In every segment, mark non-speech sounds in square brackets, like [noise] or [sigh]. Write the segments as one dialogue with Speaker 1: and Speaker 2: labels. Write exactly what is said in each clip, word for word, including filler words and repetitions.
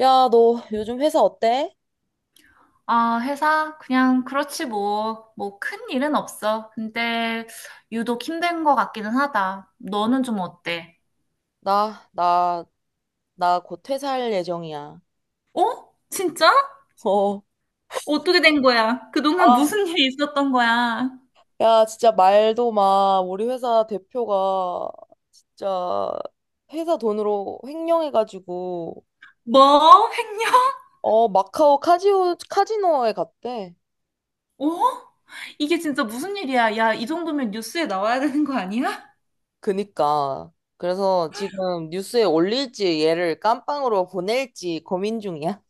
Speaker 1: 야, 너 요즘 회사 어때?
Speaker 2: 아, 회사? 그냥 그렇지 뭐. 뭐 큰 일은 없어. 근데 유독 힘든 것 같기는 하다. 너는 좀 어때?
Speaker 1: 나, 나, 나 곧 퇴사할 예정이야.
Speaker 2: 어? 진짜?
Speaker 1: 어.
Speaker 2: 어떻게 된 거야? 그동안
Speaker 1: 아,
Speaker 2: 무슨 일이 있었던 거야?
Speaker 1: 야, 진짜 말도 마. 우리 회사 대표가 진짜 회사 돈으로 횡령해가지고,
Speaker 2: 뭐? 횡령?
Speaker 1: 어, 마카오 카지오, 카지노에 갔대.
Speaker 2: 어? 이게 진짜 무슨 일이야? 야, 이 정도면 뉴스에 나와야 되는 거 아니야?
Speaker 1: 그니까. 그래서 지금 뉴스에 올릴지 얘를 깜빵으로 보낼지 고민 중이야.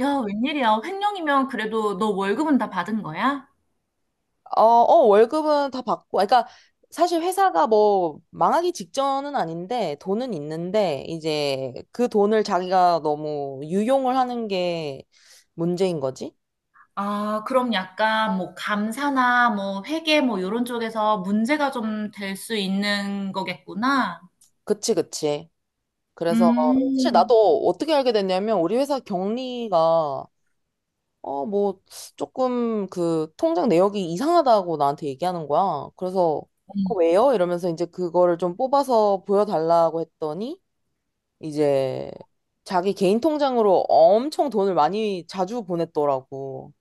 Speaker 2: 야, 웬일이야? 횡령이면 그래도 너 월급은 다 받은 거야?
Speaker 1: 어, 어, 월급은 다 받고, 아, 그러니까 사실 회사가 뭐 망하기 직전은 아닌데 돈은 있는데 이제 그 돈을 자기가 너무 유용을 하는 게 문제인 거지?
Speaker 2: 아, 그럼 약간 뭐 감사나 뭐 회계 뭐 이런 쪽에서 문제가 좀 될 수 있는 거겠구나.
Speaker 1: 그치, 그치. 그래서 사실
Speaker 2: 음,
Speaker 1: 나도 어떻게 알게 됐냐면 우리 회사 경리가 어, 뭐 조금 그 통장 내역이 이상하다고 나한테 얘기하는 거야. 그래서 어, 왜요? 이러면서 이제 그거를 좀 뽑아서 보여달라고 했더니 이제 자기 개인 통장으로 엄청 돈을 많이 자주 보냈더라고.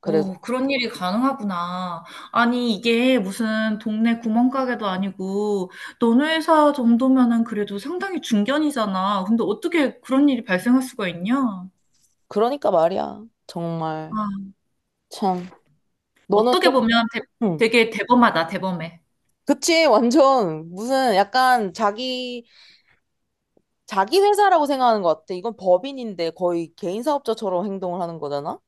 Speaker 1: 그래서
Speaker 2: 오, 그런 일이 가능하구나. 아니, 이게 무슨 동네 구멍가게도 아니고, 너네 회사 정도면은 그래도 상당히 중견이잖아. 근데 어떻게 그런 일이 발생할 수가 있냐?
Speaker 1: 그러니까 말이야. 정말
Speaker 2: 아,
Speaker 1: 참 너는
Speaker 2: 어떻게
Speaker 1: 좀
Speaker 2: 보면 대-
Speaker 1: 응.
Speaker 2: 되게 대범하다, 대범해.
Speaker 1: 그치 완전 무슨 약간 자기 자기 회사라고 생각하는 것 같아. 이건 법인인데 거의 개인 사업자처럼 행동을 하는 거잖아.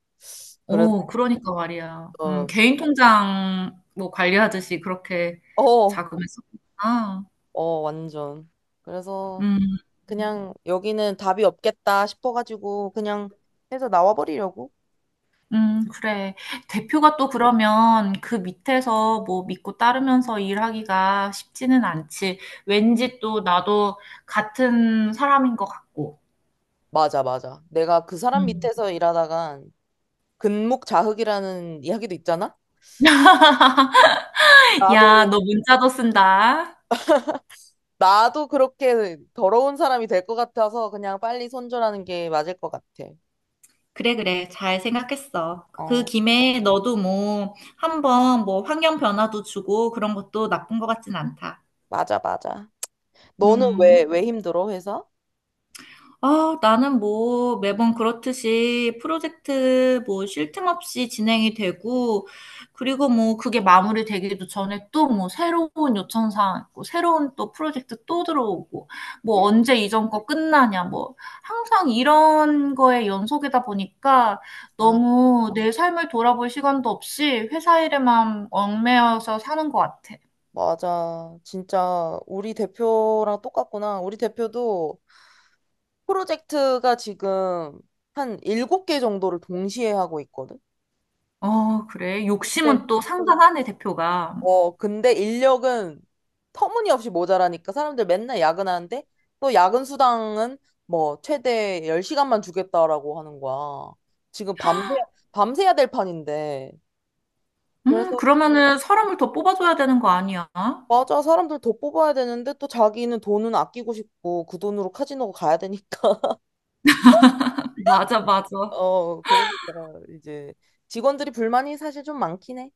Speaker 1: 그래서
Speaker 2: 어, 그러니까 말이야. 음, 개인 통장 뭐 관리하듯이 그렇게
Speaker 1: 어,
Speaker 2: 자금을 썼구나.
Speaker 1: 어, 완전. 그래서
Speaker 2: 음,
Speaker 1: 그냥 여기는 답이 없겠다 싶어가지고 그냥 해서 나와버리려고.
Speaker 2: 음, 그래. 대표가 또 그러면 그 밑에서 뭐 믿고 따르면서 일하기가 쉽지는 않지. 왠지 또 나도 같은 사람인 것 같고.
Speaker 1: 맞아, 맞아. 내가 그 사람
Speaker 2: 음.
Speaker 1: 밑에서 일하다가 근묵자흑이라는 이야기도 있잖아?
Speaker 2: 야,
Speaker 1: 나도,
Speaker 2: 너 문자도 쓴다.
Speaker 1: 나도 그렇게 더러운 사람이 될 것 같아서 그냥 빨리 손절하는 게 맞을 것 같아.
Speaker 2: 그래, 그래. 잘 생각했어. 그
Speaker 1: 어,
Speaker 2: 김에 너도 뭐 한번 뭐 환경 변화도 주고 그런 것도 나쁜 것 같진 않다.
Speaker 1: 맞아, 맞아. 너는
Speaker 2: 음.
Speaker 1: 왜, 왜 힘들어, 회사?
Speaker 2: 아, 나는 뭐 매번 그렇듯이 프로젝트 뭐 쉴 틈 없이 진행이 되고, 그리고 뭐 그게 마무리되기도 전에 또 뭐 새로운 요청사항 있고, 새로운 또 프로젝트 또 들어오고, 뭐 언제 이전 거 끝나냐, 뭐 항상 이런 거에 연속이다 보니까
Speaker 1: 아,
Speaker 2: 너무 내 삶을 돌아볼 시간도 없이 회사 일에만 얽매여서 사는 것 같아.
Speaker 1: 맞아. 진짜 우리 대표랑 똑같구나. 우리 대표도 프로젝트가 지금 한 일곱 개 정도를 동시에 하고 있거든?
Speaker 2: 어, 그래. 욕심은 또 상당하네, 대표가.
Speaker 1: 어, 근데 인력은 터무니없이 모자라니까 사람들 맨날 야근하는데 또 야근 수당은 뭐 최대 열 시간만 주겠다라고 하는 거야. 지금 밤새, 밤새야 될 판인데.
Speaker 2: 음,
Speaker 1: 그래서
Speaker 2: 그러면은 사람을 더 뽑아줘야 되는 거 아니야?
Speaker 1: 맞아. 사람들 더 뽑아야 되는데 또 자기는 돈은 아끼고 싶고 그 돈으로 카지노 가야 되니까.
Speaker 2: 맞아,
Speaker 1: [laughs]
Speaker 2: 맞아.
Speaker 1: 어, 그러니까 이제 직원들이 불만이 사실 좀 많긴 해.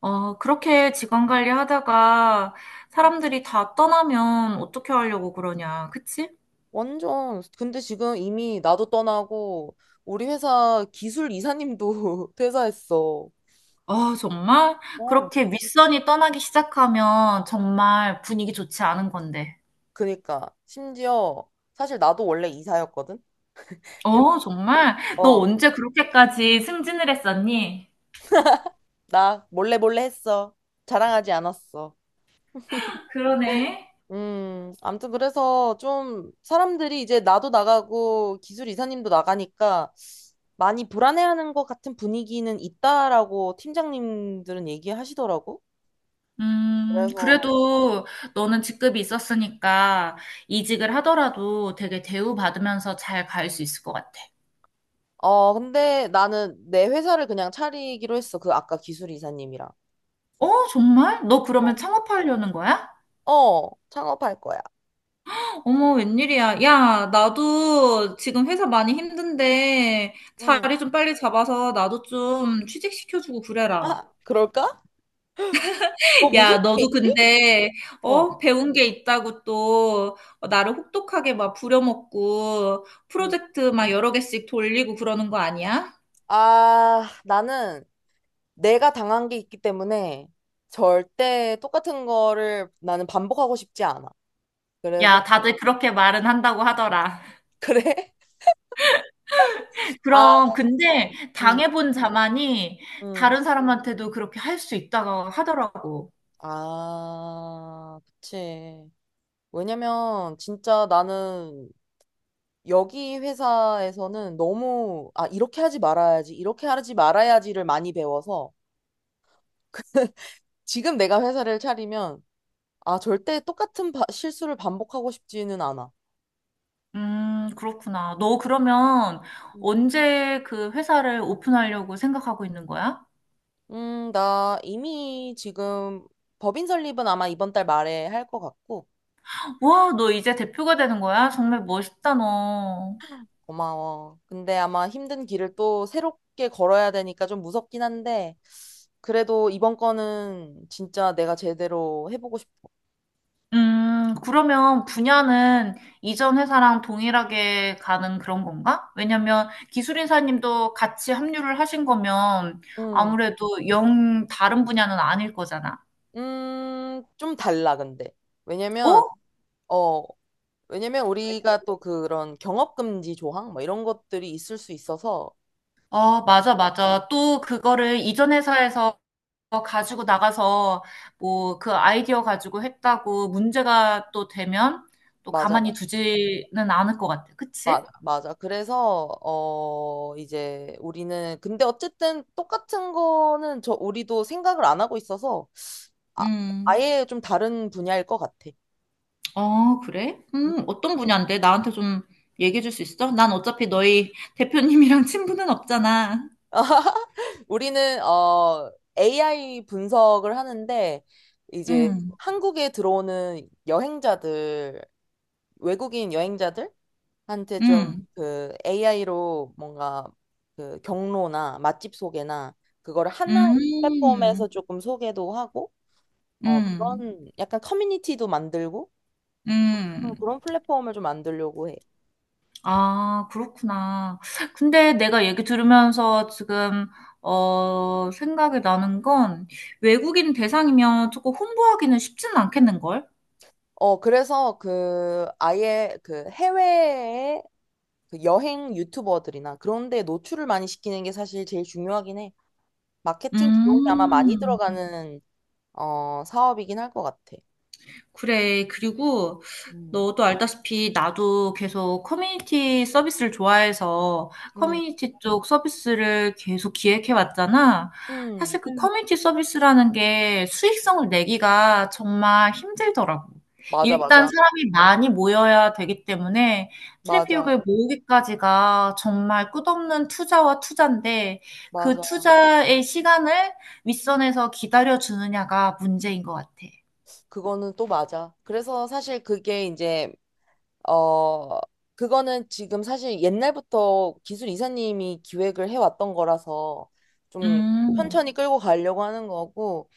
Speaker 2: 어, 그렇게 직원 관리하다가 사람들이 다 떠나면 어떻게 하려고 그러냐, 그치?
Speaker 1: 완전. 근데 지금 이미 나도 떠나고 우리 회사 기술 이사님도 [laughs] 퇴사했어.
Speaker 2: 아, 정말?
Speaker 1: 어.
Speaker 2: 그렇게 윗선이 떠나기 시작하면 정말 분위기 좋지 않은 건데.
Speaker 1: 그니까 심지어 사실 나도 원래 이사였거든. 근-
Speaker 2: 어, 정말? 너
Speaker 1: 어,
Speaker 2: 언제 그렇게까지 승진을 했었니?
Speaker 1: 나 몰래 몰래 했어. 자랑하지 않았어.
Speaker 2: 그러네.
Speaker 1: 음, 아무튼 그래서 좀 사람들이 이제 나도 나가고 기술 이사님도 나가니까 많이 불안해하는 것 같은 분위기는 있다라고 팀장님들은 얘기하시더라고.
Speaker 2: 음,
Speaker 1: 그래서
Speaker 2: 그래도 너는 직급이 있었으니까 이직을 하더라도 되게 대우받으면서 잘 갈 수 있을 것 같아.
Speaker 1: 어, 근데 나는 내 회사를 그냥 차리기로 했어. 그 아까 기술 이사님이랑.
Speaker 2: 어, 정말? 너
Speaker 1: 어,
Speaker 2: 그러면 창업하려는 거야?
Speaker 1: 어, 창업할 거야.
Speaker 2: 어머, 웬일이야. 야, 나도 지금 회사 많이 힘든데
Speaker 1: 음.
Speaker 2: 자리 좀 빨리 잡아서 나도 좀 취직시켜주고 그래라.
Speaker 1: 아, [laughs] 그럴까? 뭐 무슨
Speaker 2: 야,
Speaker 1: 일이
Speaker 2: 너도
Speaker 1: 있지?
Speaker 2: 근데,
Speaker 1: 어.
Speaker 2: 어, 배운 게 있다고 또 나를 혹독하게 막 부려먹고
Speaker 1: 음.
Speaker 2: 프로젝트 막 여러 개씩 돌리고 그러는 거 아니야?
Speaker 1: 아, 나는 내가 당한 게 있기 때문에 절대 똑같은 거를 나는 반복하고 싶지 않아. 그래서,
Speaker 2: 야, 다들 그렇게 말은 한다고 하더라.
Speaker 1: [laughs] 그래? 아,
Speaker 2: 그럼, 근데
Speaker 1: 음,
Speaker 2: 당해본 자만이
Speaker 1: 음.
Speaker 2: 다른 사람한테도 그렇게 할 수 있다고 하더라고.
Speaker 1: 아, 그치. 왜냐면 진짜 나는 여기 회사에서는 너무, 아, 이렇게 하지 말아야지, 이렇게 하지 말아야지를 많이 배워서 지금 내가 회사를 차리면, 아, 절대 똑같은 바- 실수를 반복하고 싶지는 않아.
Speaker 2: 음, 그렇구나. 너 그러면 언제 그 회사를 오픈하려고 생각하고 있는 거야?
Speaker 1: 음, 나 이미 지금 법인 설립은 아마 이번 달 말에 할 것 같고,
Speaker 2: 와, 너 이제 대표가 되는 거야? 정말 멋있다, 너.
Speaker 1: 고마워. 근데 아마 힘든 길을 또 새롭게 걸어야 되니까 좀 무섭긴 한데, 그래도 이번 거는 진짜 내가 제대로 해보고 싶어.
Speaker 2: 음, 그러면 분야는 이전 회사랑 동일하게 가는 그런 건가? 왜냐면 기술인사님도 같이 합류를 하신 거면
Speaker 1: 음,
Speaker 2: 아무래도 영 다른 분야는 아닐 거잖아.
Speaker 1: 음, 좀 달라, 근데. 왜냐면,
Speaker 2: 어?
Speaker 1: 어, 왜냐면 우리가 또 그런 경업금지 조항, 뭐 이런 것들이 있을 수 있어서,
Speaker 2: 어, 맞아, 맞아. 또 그거를 이전 회사에서 어, 가지고 나가서 뭐 그 아이디어 가지고 했다고 문제가 또 되면 또
Speaker 1: 맞아, 맞아.
Speaker 2: 가만히 두지는 않을 것 같아.
Speaker 1: 맞,
Speaker 2: 그치?
Speaker 1: 맞아. 그래서 어 이제 우리는 근데 어쨌든 똑같은 거는 저 우리도 생각을 안 하고 있어서 아,
Speaker 2: 음,
Speaker 1: 아예 좀 다른 분야일 것 같아.
Speaker 2: 어, 그래? 음, 어떤 분야인데? 나한테 좀 얘기해 줄 수 있어? 난 어차피 너희 대표님이랑 [laughs] 친분은 없잖아.
Speaker 1: [laughs] 우리는 어 에이아이 분석을 하는데 이제
Speaker 2: 음,
Speaker 1: 한국에 들어오는 여행자들 외국인 여행자들한테 좀
Speaker 2: 음,
Speaker 1: 그 에이아이로 뭔가 그 경로나 맛집 소개나 그거를 하나의
Speaker 2: 음,
Speaker 1: 플랫폼에서 조금 소개도 하고 어,
Speaker 2: 음,
Speaker 1: 그런 약간 커뮤니티도 만들고 어,
Speaker 2: 음.
Speaker 1: 그런 플랫폼을 좀 만들려고 해.
Speaker 2: 아, 그렇구나. 근데 내가 얘기 들으면서 지금, 어, 생각이 나는 건 외국인 대상이면 조금 홍보하기는 쉽지는 않겠는걸?
Speaker 1: 어, 그래서 그 아예 그 해외의 그 여행 유튜버들이나 그런 데 노출을 많이 시키는 게 사실 제일 중요하긴 해. 마케팅 비용이 아마 많이
Speaker 2: 음,
Speaker 1: 들어가는 어, 사업이긴 할 것 같아.
Speaker 2: 그래. 그리고
Speaker 1: 음.
Speaker 2: 너도 알다시피 나도 계속 커뮤니티 서비스를 좋아해서
Speaker 1: 음.
Speaker 2: 커뮤니티 쪽 서비스를 계속 기획해 왔잖아.
Speaker 1: 음.
Speaker 2: 사실 그 음. 커뮤니티 서비스라는 게 수익성을 내기가 정말 힘들더라고.
Speaker 1: 맞아,
Speaker 2: 일단
Speaker 1: 맞아.
Speaker 2: 사람이 많이 모여야 되기 때문에
Speaker 1: 맞아.
Speaker 2: 트래픽을 모으기까지가 정말 끝없는 투자와 투자인데 그
Speaker 1: 맞아.
Speaker 2: 투자의 시간을 윗선에서 기다려 주느냐가 문제인 것 같아.
Speaker 1: 그거는 또 맞아. 그래서 사실 그게 이제 어, 그거는 지금 사실 옛날부터 기술 이사님이 기획을 해왔던 거라서 좀
Speaker 2: 음.
Speaker 1: 천천히 끌고 가려고 하는 거고,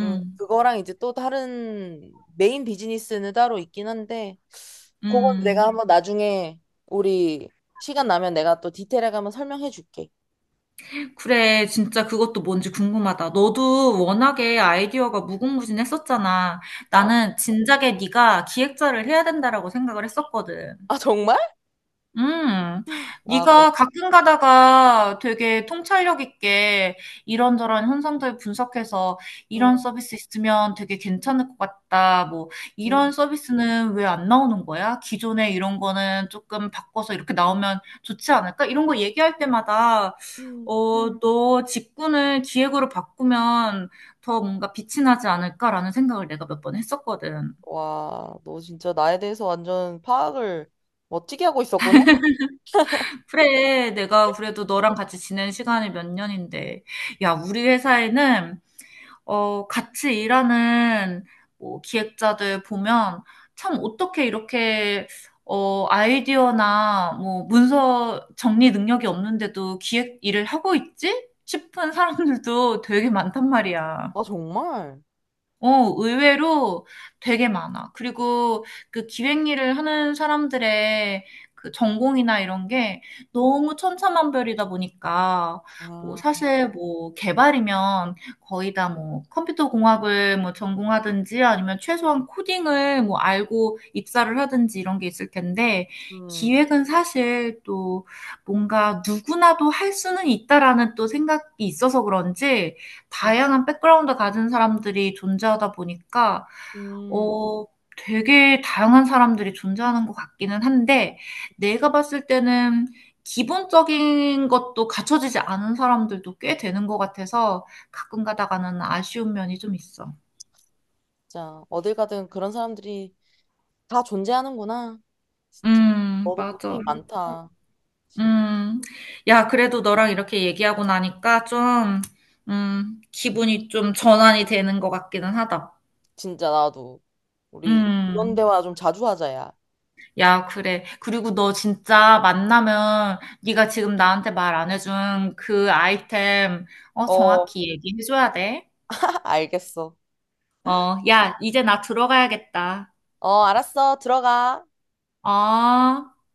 Speaker 1: 음, 그거랑 이제 또 다른 메인 비즈니스는 따로 있긴 한데, 그건 내가
Speaker 2: 음.
Speaker 1: 한번 나중에 우리 시간 나면 내가 또 디테일하게 한번 설명해 줄게.
Speaker 2: 그래, 진짜 그것도 뭔지 궁금하다. 너도 워낙에 아이디어가 무궁무진했었잖아.
Speaker 1: 와.
Speaker 2: 나는 진작에 네가 기획자를 해야 된다라고 생각을 했었거든.
Speaker 1: 아, 정말?
Speaker 2: 음,
Speaker 1: 아, 고
Speaker 2: 네가 가끔 가다가 되게 통찰력 있게 이런저런 현상들 분석해서
Speaker 1: 음,
Speaker 2: 이런 서비스 있으면 되게 괜찮을 것 같다. 뭐
Speaker 1: 음,
Speaker 2: 이런 서비스는 왜 안 나오는 거야? 기존에 이런 거는 조금 바꿔서 이렇게 나오면 좋지 않을까? 이런 거 얘기할 때마다
Speaker 1: 음.
Speaker 2: 어, 너 직군을 기획으로 바꾸면 더 뭔가 빛이 나지 않을까라는 생각을 내가 몇 번 했었거든.
Speaker 1: 와, 너 진짜 나에 대해서 완전 파악을 멋지게 하고 있었구나?
Speaker 2: 그래, 내가 그래도 너랑 같이 지낸 시간이 몇 년인데. 야, 우리 회사에는, 어, 같이 일하는, 뭐, 기획자들 보면, 참, 어떻게 이렇게, 어, 아이디어나, 뭐, 문서 정리 능력이 없는데도 기획 일을 하고 있지? 싶은 사람들도 되게 많단 말이야.
Speaker 1: 아, 정말?
Speaker 2: 어, 의외로 되게 많아. 그리고 그 기획 일을 하는 사람들의 그 전공이나 이런 게 너무 천차만별이다 보니까 뭐
Speaker 1: 아.
Speaker 2: 사실 뭐 개발이면 거의 다 뭐 컴퓨터 공학을 뭐 전공하든지 아니면 최소한 코딩을 뭐 알고 입사를 하든지 이런 게 있을 텐데
Speaker 1: 음,
Speaker 2: 기획은 사실 또 뭔가 누구나도 할 수는 있다라는 또 생각이 있어서 그런지
Speaker 1: 음,
Speaker 2: 다양한 백그라운드 가진 사람들이 존재하다 보니까
Speaker 1: 음,
Speaker 2: 어 되게 다양한 사람들이 존재하는 것 같기는 한데 내가 봤을 때는 기본적인 것도 갖춰지지 않은 사람들도 꽤 되는 것 같아서 가끔 가다가는 아쉬운 면이 좀 있어.
Speaker 1: 진짜 어딜 가든 그런 사람들이 다 존재하는구나. 진짜
Speaker 2: 음,
Speaker 1: 너도
Speaker 2: 맞아.
Speaker 1: 고생이 많다. 진,
Speaker 2: 음. 야, 그래도 너랑 이렇게 얘기하고 나니까 좀, 음, 기분이 좀 전환이 되는 것 같기는 하다.
Speaker 1: 진짜 나도 우리 이런
Speaker 2: 음.
Speaker 1: 대화 좀 자주 하자야.
Speaker 2: 야, 그래. 그리고 너 진짜 만나면 네가 지금 나한테 말 안 해준 그 아이템 어
Speaker 1: 어,
Speaker 2: 정확히 얘기해줘야 돼.
Speaker 1: [laughs] 알겠어.
Speaker 2: 어, 야, 이제 나 들어가야겠다.
Speaker 1: 어, 알았어. 들어가.
Speaker 2: 어.